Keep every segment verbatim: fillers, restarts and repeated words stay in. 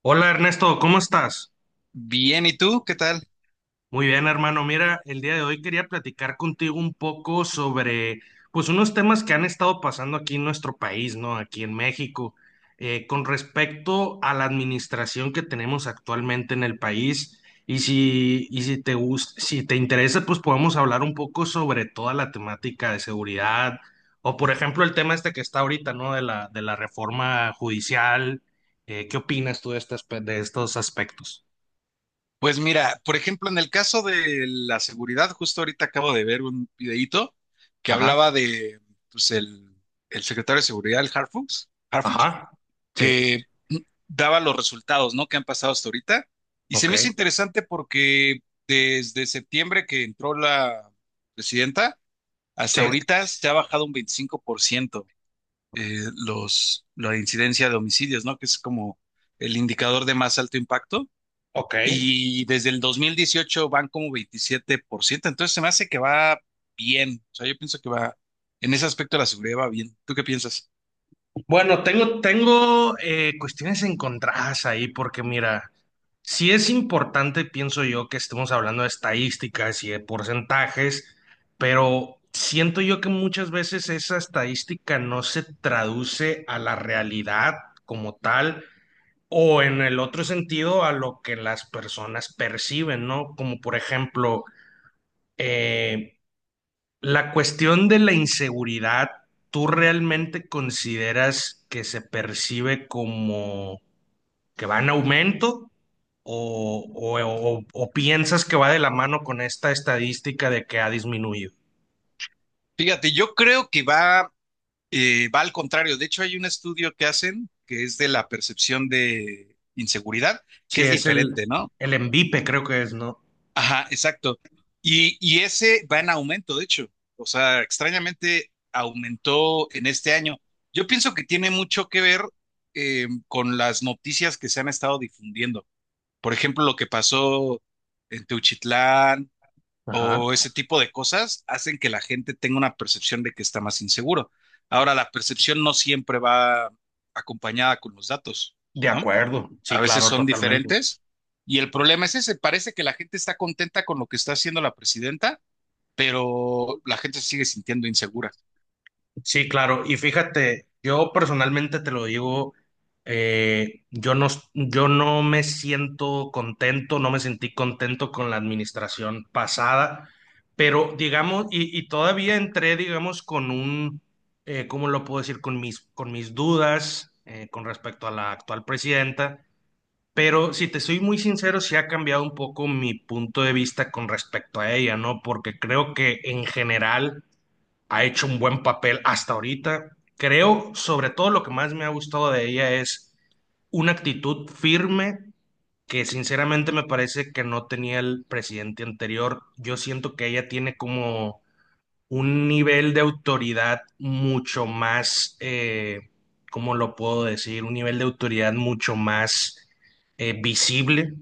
Hola Ernesto, ¿cómo estás? Bien, ¿y tú? ¿Qué tal? Muy bien, hermano. Mira, el día de hoy quería platicar contigo un poco sobre, pues, unos temas que han estado pasando aquí en nuestro país, ¿no? Aquí en México, eh, con respecto a la administración que tenemos actualmente en el país. Y si, y si te gusta, si te interesa, pues podemos hablar un poco sobre toda la temática de seguridad, o por ejemplo, el tema este que está ahorita, ¿no? De la, de la reforma judicial. Eh, ¿qué opinas tú de estas, de estos aspectos? Pues mira, por ejemplo, en el caso de la seguridad, justo ahorita acabo de ver un videíto que Ajá. hablaba de, pues, el, el secretario de seguridad, el Harfuch, Harfuch, Ajá, sí, que daba los resultados, ¿no?, que han pasado hasta ahorita. Y se ok, me hizo interesante porque desde septiembre que entró la presidenta, sí, hasta ahorita se ha bajado un veinticinco por ciento eh, los, la incidencia de homicidios, ¿no?, que es como el indicador de más alto impacto. ok. Y desde el dos mil dieciocho van como veintisiete por ciento. Entonces se me hace que va bien. O sea, yo pienso que va, en ese aspecto la seguridad va bien. ¿Tú qué piensas? Bueno, tengo, tengo eh, cuestiones encontradas ahí porque mira, sí es importante, pienso yo, que estemos hablando de estadísticas y de porcentajes, pero siento yo que muchas veces esa estadística no se traduce a la realidad como tal o en el otro sentido a lo que las personas perciben, ¿no? Como por ejemplo... eh, La cuestión de la inseguridad, ¿tú realmente consideras que se percibe como que va en aumento? ¿O, o- o- o piensas que va de la mano con esta estadística de que ha disminuido? Fíjate, yo creo que va, eh, va al contrario. De hecho, hay un estudio que hacen que es de la percepción de inseguridad, que Sí, es es el, diferente, ¿no? el ENVIPE, creo que es, ¿no? Ajá, exacto. Y, y ese va en aumento, de hecho. O sea, extrañamente aumentó en este año. Yo pienso que tiene mucho que ver eh, con las noticias que se han estado difundiendo. Por ejemplo, lo que pasó en Teuchitlán Ajá. o ese tipo de cosas hacen que la gente tenga una percepción de que está más inseguro. Ahora, la percepción no siempre va acompañada con los datos, De ¿no? acuerdo, A sí, veces claro, son totalmente. diferentes. Y el problema es ese, parece que la gente está contenta con lo que está haciendo la presidenta, pero la gente se sigue sintiendo insegura. Sí, claro. Y fíjate, yo personalmente te lo digo, eh, yo no, yo no me siento contento, no me sentí contento con la administración pasada, pero digamos, y, y todavía entré, digamos, con un, eh, ¿cómo lo puedo decir? Con mis, con mis dudas eh, con respecto a la actual presidenta, pero si te soy muy sincero, sí ha cambiado un poco mi punto de vista con respecto a ella, ¿no? Porque creo que en general ha hecho un buen papel hasta ahorita. Creo, sobre todo, lo que más me ha gustado de ella es una actitud firme que sinceramente me parece que no tenía el presidente anterior. Yo siento que ella tiene como un nivel de autoridad mucho más, eh, ¿cómo lo puedo decir? Un nivel de autoridad mucho más eh, visible,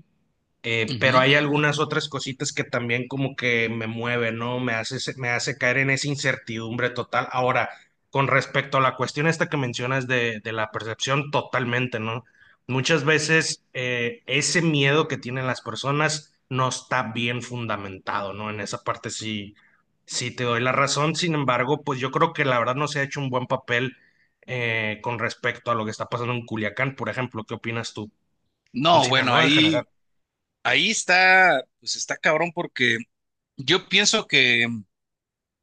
eh, pero Ujú. hay algunas otras cositas que también como que me mueve, ¿no? Me hace, se- me hace caer en esa incertidumbre total. Ahora, con respecto a la cuestión esta que mencionas de, de la percepción, totalmente, ¿no? Muchas veces eh, ese miedo que tienen las personas no está bien fundamentado, ¿no? En esa parte sí, sí te doy la razón. Sin embargo, pues yo creo que la verdad no se ha hecho un buen papel eh, con respecto a lo que está pasando en Culiacán, por ejemplo. ¿Qué opinas tú? En No, bueno, Sinaloa en general. ahí, ahí está, pues está cabrón porque yo pienso que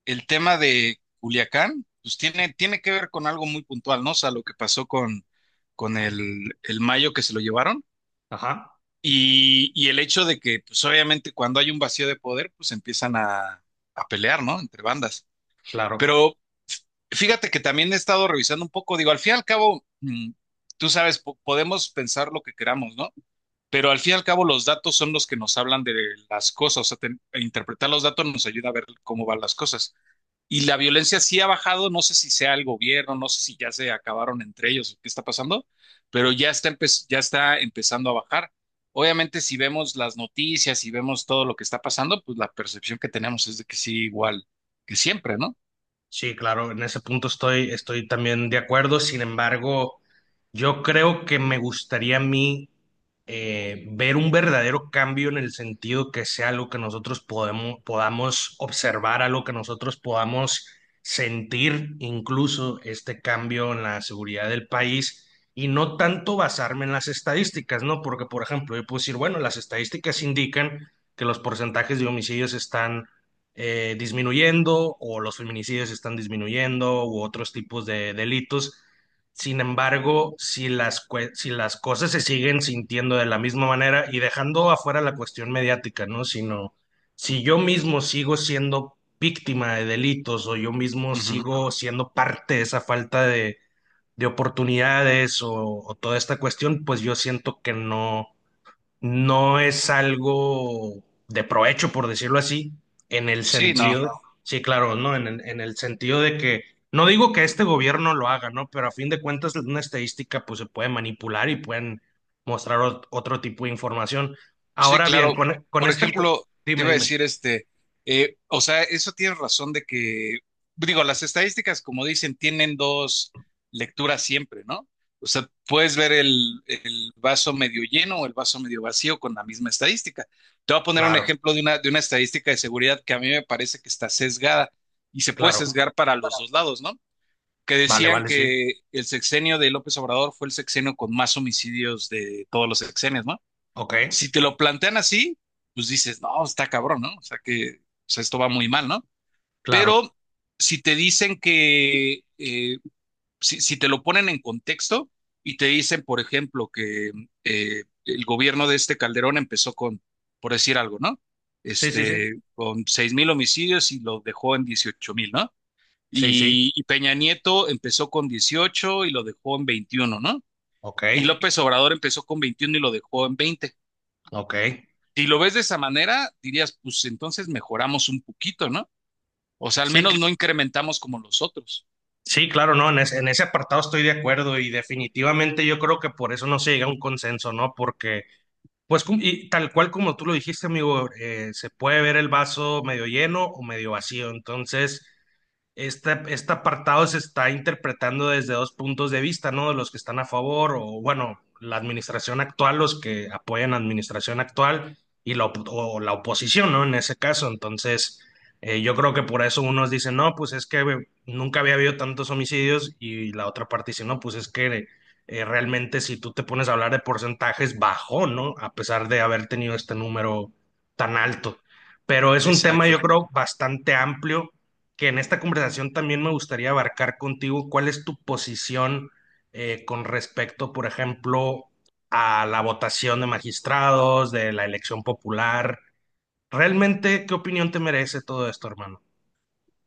el tema de Culiacán, pues tiene, tiene que ver con algo muy puntual, ¿no? O sea, lo que pasó con, con el, el Mayo, que se lo llevaron, Ajá. y, y el hecho de que, pues obviamente cuando hay un vacío de poder, pues empiezan a, a pelear, ¿no? Entre bandas. Claro, Pero fíjate que también he estado revisando un poco, digo, al fin y al cabo, mm, tú sabes, po- podemos pensar lo que queramos, ¿no? Pero al fin y al cabo los datos son los que nos hablan de las cosas. O sea, ten- e interpretar los datos nos ayuda a ver cómo van las cosas. Y la violencia sí ha bajado, no sé si sea el gobierno, no sé si ya se acabaron entre ellos, qué está pasando, pero ya está, empe- ya está empezando a bajar. Obviamente, si vemos las noticias y vemos todo lo que está pasando, pues la percepción que tenemos es de que sí, igual que siempre, ¿no? sí, claro, en ese punto estoy, estoy también de acuerdo. Sin embargo, yo creo que me gustaría a mí eh, ver un verdadero cambio en el sentido que sea algo que nosotros podemos, podamos observar, algo que nosotros podamos sentir, incluso este cambio en la seguridad del país, y no tanto basarme en las estadísticas, ¿no? Porque, por ejemplo, yo puedo decir, bueno, las estadísticas indican que los porcentajes de homicidios están eh, disminuyendo, o los feminicidios están disminuyendo u otros tipos de delitos. Sin embargo, si las, cue- si las cosas se siguen sintiendo de la misma manera y dejando afuera la cuestión mediática, ¿no? Sino, si yo mismo sigo siendo víctima de delitos o yo mismo Ujú. sigo siendo parte de esa falta de, de oportunidades o, o toda esta cuestión, pues yo siento que no, no es algo de provecho, por decirlo así, en el Sí, Sí, no. sentido, claro, sí, claro, ¿no? En, el en el sentido de que, no digo que este gobierno lo haga, ¿no? Pero a fin de cuentas, una estadística, pues se puede manipular y pueden mostrar ot- otro tipo de información. Sí, Ahora bien, sí, claro. con, con Por esta... cu- ejemplo, te Dime, iba a dime. decir este, eh, o sea, eso tienes razón de que, digo, las estadísticas, como dicen, tienen dos lecturas siempre, ¿no? O sea, puedes ver el, el vaso medio lleno o el vaso medio vacío con la misma estadística. Te voy a poner un Claro, ejemplo de una, de una estadística de seguridad que a mí me parece que está sesgada y se puede claro. sesgar para los dos lados, ¿no? Que Vale, decían vale, sí. que el sexenio de López Obrador fue el sexenio con más homicidios de todos los sexenios, ¿no? Ok, Si te lo plantean así, pues dices, no, está cabrón, ¿no? O sea que o sea, esto va muy mal, ¿no? claro. Pero si te dicen que, eh, si, si te lo ponen en contexto y te dicen, por ejemplo, que eh, el gobierno de este Calderón empezó con, por decir algo, ¿no? Sí, sí, sí. Este, con seis mil homicidios y lo dejó en dieciocho mil, ¿no? Sí, sí. Y, y Peña Nieto empezó con dieciocho y lo dejó en veintiuno, ¿no? Ok, Y López Obrador empezó con veintiuno y lo dejó en veinte. ok. Si lo ves de esa manera, dirías, pues entonces mejoramos un poquito, ¿no? O sea, al Sí, menos no incrementamos como los otros. sí, claro, no, en ese, en ese apartado estoy de acuerdo y definitivamente yo creo que por eso no se llega a un consenso, ¿no? Porque, pues, cum- y tal cual como tú lo dijiste, amigo, eh, se puede ver el vaso medio lleno o medio vacío. Entonces, este, este apartado se está interpretando desde dos puntos de vista, ¿no? De los que están a favor o, bueno, la administración actual, los que apoyan la administración actual y la, op- o la oposición, ¿no? En ese caso, entonces, eh, yo creo que por eso unos dicen, no, pues es que eh, nunca había habido tantos homicidios, y la otra parte dice, no, pues es que eh, realmente, si tú te pones a hablar de porcentajes, bajó, ¿no? A pesar de haber tenido este número tan alto. Pero es un tema, Exacto. yo creo, bastante amplio, que en esta conversación también me gustaría abarcar contigo cuál es tu posición eh, con respecto, por ejemplo, a la votación de magistrados, de la elección popular. ¿Realmente qué opinión te merece todo esto, hermano?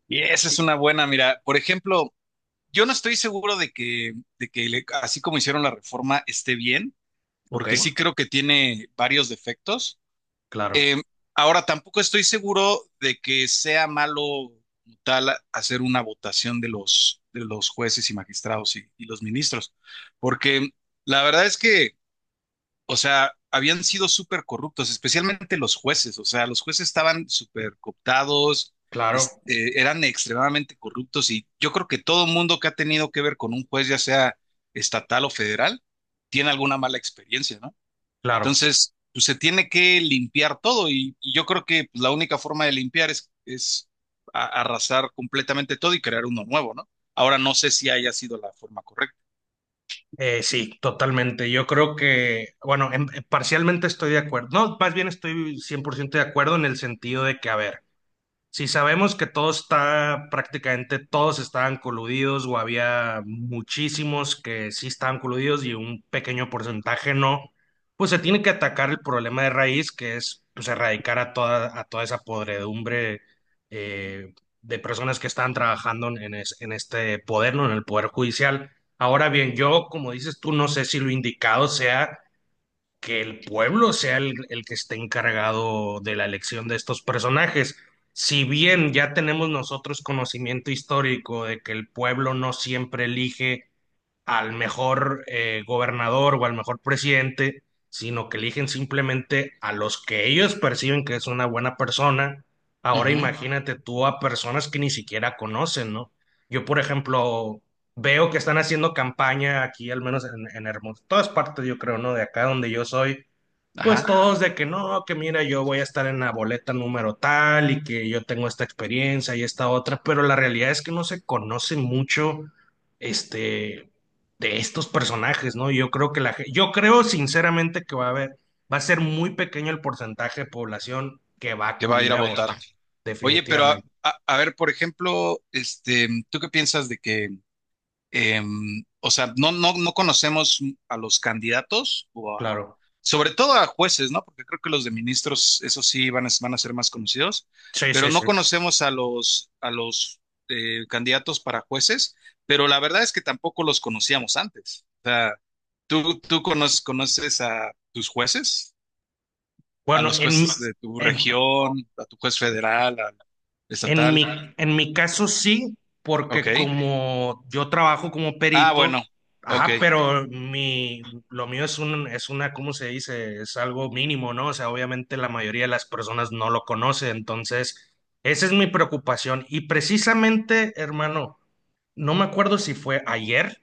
Y esa es Sí. una buena, mira, por ejemplo, yo no estoy seguro de que, de que le- así como hicieron la reforma esté bien, Ok, porque sí creo que tiene varios defectos. claro, Eh, ahora, tampoco estoy seguro de que sea malo como tal hacer una votación de los, de los jueces y magistrados y, y los ministros, porque la verdad es que... o sea, habían sido súper corruptos, especialmente los jueces, o sea, los jueces estaban súper cooptados, claro, este, eran extremadamente corruptos y yo creo que todo mundo que ha tenido que ver con un juez, ya sea estatal o federal, tiene alguna mala experiencia, ¿no? claro. Entonces, pues se tiene que limpiar todo y, y yo creo que, pues, la única forma de limpiar es, es a- arrasar completamente todo y crear uno nuevo, ¿no? Ahora no sé si haya sido la forma correcta. Eh, sí, totalmente. Yo creo que, bueno, en- parcialmente estoy de acuerdo. No, más bien estoy cien por ciento de acuerdo en el sentido de que, a ver, si sabemos que todo está, prácticamente todos estaban coludidos, o había muchísimos que sí estaban coludidos y un pequeño porcentaje no, pues se tiene que atacar el problema de raíz, que es, pues, erradicar a toda, a toda esa podredumbre, eh, de personas que están trabajando en, es- en este poder, ¿no? En el poder judicial. Ahora bien, yo, como dices tú, no sé si lo indicado sea que el pueblo sea el, el que esté encargado de la elección de estos personajes. Si bien ya tenemos nosotros conocimiento histórico de que el pueblo no siempre elige al mejor eh, gobernador o al mejor presidente, sino que eligen simplemente a los que ellos perciben que es una buena persona. Ahora Ujú. imagínate tú a personas que ni siquiera conocen, ¿no? Yo, por ejemplo, veo que están haciendo campaña aquí, al menos en, en Hermosillo, todas partes, yo creo, ¿no? De acá donde yo soy, pues Ajá. todos de que no, que mira, yo voy a estar en la boleta número tal y que yo tengo esta experiencia y esta otra, pero la realidad es que no se conoce mucho este de estos personajes, ¿no? Yo creo que la ge- yo creo sinceramente que va a haber va a ser muy pequeño el porcentaje de población que va a Que va a ir acudir a a votar, votar. votar. Oye, pero a, Definitivamente, a- a ver, por ejemplo, este, ¿tú qué piensas de que, em, o sea, no, no, no conocemos a los candidatos o a, claro. sobre todo a jueces, ¿no? Porque creo que los de ministros, eso sí, van a, van a ser más conocidos, Sí, pero sí, no sí. conocemos a los, a los eh, candidatos para jueces, pero la verdad es que tampoco los conocíamos antes. O sea, ¿tú, tú conoces, conoces a tus jueces? ¿A Bueno, los en, jueces de tu en- región, a tu juez federal, al En mi, estatal? en mi caso sí, porque Ok. como yo trabajo como Ah, perito, bueno. Ok. ajá, pero mi, lo mío es un, es una, ¿cómo se dice? Es algo mínimo, ¿no? O sea, obviamente la mayoría de las personas no lo conoce, entonces esa es mi preocupación. Y precisamente, hermano, no me acuerdo si fue ayer,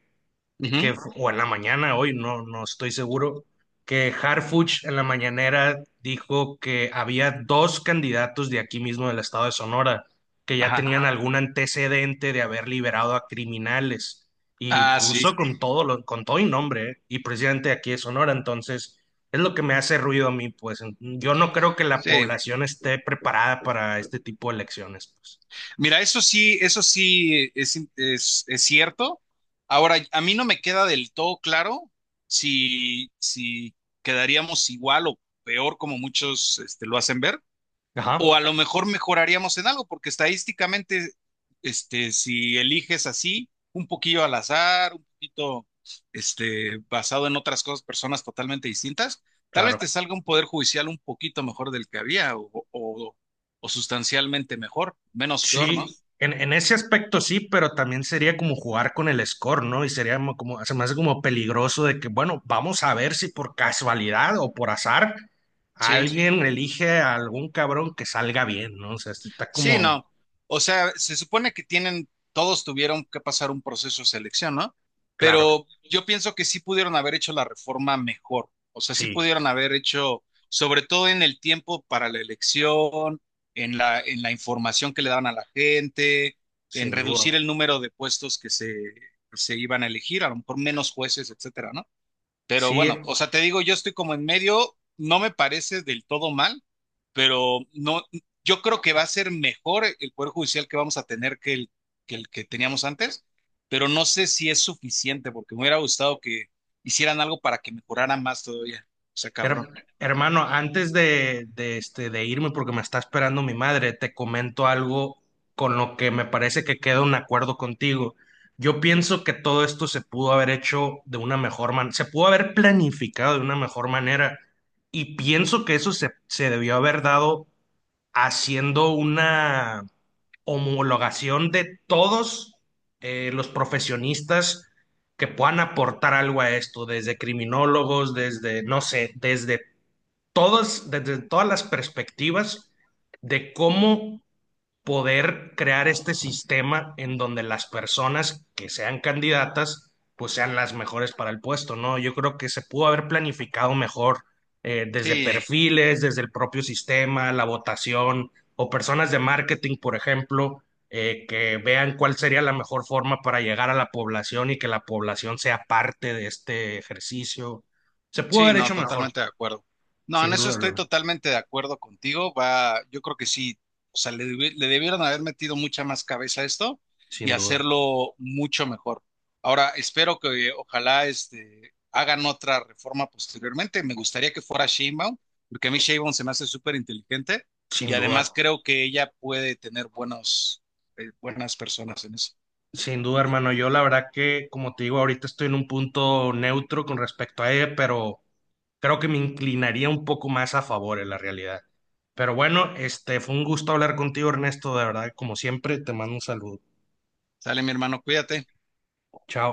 que, Ujú. o en la mañana, hoy no, no estoy seguro, que Harfuch en la mañanera dijo que había dos candidatos de aquí mismo del estado de Sonora que ya Ajá. tenían algún antecedente de haber liberado a criminales, y Ah, sí. puso, con todo, lo, con todo y nombre, ¿eh?, y presidente, de aquí de Sonora. Entonces es lo que me hace ruido a mí, pues yo no creo que la Sí. población esté preparada para este tipo de elecciones, pues. Mira, eso sí, eso sí es, es, es cierto. Ahora, a mí no me queda del todo claro si, si quedaríamos igual o peor, como muchos este, lo hacen ver. O Ajá, a lo mejor mejoraríamos en algo, porque estadísticamente, este, si eliges así, un poquillo al azar, un poquito, este, basado en otras cosas, personas totalmente distintas, tal vez claro. te salga un poder judicial un poquito mejor del que había, o, o, o sustancialmente mejor, menos peor, ¿no? Sí, en, en ese aspecto sí, pero también sería como jugar con el score, ¿no? Y sería mo- como, se me hace como peligroso de que, bueno, vamos a ver si por casualidad o por azar Sí, alguien elige a algún cabrón que salga bien, ¿no? O sea, está sí, como, no. O sea, se supone que tienen, todos tuvieron que pasar un proceso de selección, ¿no? claro, Pero yo pienso que sí pudieron haber hecho la reforma mejor. O sea, sí sí, pudieron haber hecho, sobre todo en el tiempo para la elección, en la, en la información que le daban a la gente, en sin reducir duda. el número de puestos que se, se iban a elegir, a lo mejor menos jueces, etcétera, ¿no? Pero Sí, bueno, o sea, te digo, yo estoy como en medio, no me parece del todo mal, pero no, yo creo que va a ser mejor el Poder Judicial que vamos a tener que el que, el que teníamos antes, pero no sé si es suficiente, porque me hubiera gustado que hicieran algo para que mejorara más todavía. O sea, Her- cabrón. hermano, antes de, de, este, de irme, porque me está esperando mi madre, te comento algo con lo que me parece que queda un acuerdo contigo. Yo pienso que todo esto se pudo haber hecho de una mejor manera, se pudo haber planificado de una mejor manera, y pienso que eso se, se debió haber dado haciendo una homologación de todos eh, los profesionistas que puedan aportar algo a esto, desde criminólogos, desde, no sé, desde todas, desde todas las perspectivas, de cómo poder crear este sistema en donde las personas que sean candidatas pues sean las mejores para el puesto, ¿no? Yo creo que se pudo haber planificado mejor, eh, desde Sí. perfiles, desde el propio sistema, la votación, o personas de marketing, por ejemplo, eh, que vean cuál sería la mejor forma para llegar a la población y que la población sea parte de este ejercicio. Se pudo Sí, haber no, hecho mejor, totalmente de acuerdo. No, en sin eso duda estoy alguna, totalmente de acuerdo contigo. Va, yo creo que sí, o sea, le, debi- le debieron haber metido mucha más cabeza a esto y sin duda, hacerlo mucho mejor. Ahora, espero que eh, ojalá este, hagan otra reforma posteriormente. Me gustaría que fuera Sheinbaum, porque a mí Sheinbaum se me hace súper inteligente y sin además duda. creo que ella puede tener buenos, eh, buenas personas en eso. Sin duda, hermano. Yo la verdad que, como te digo, ahorita estoy en un punto neutro con respecto a ella, pero creo que me inclinaría un poco más a favor en la realidad. Pero bueno, este fue un gusto hablar contigo, Ernesto. De verdad, como siempre, te mando un saludo. Sale, mi hermano, cuídate. Chao.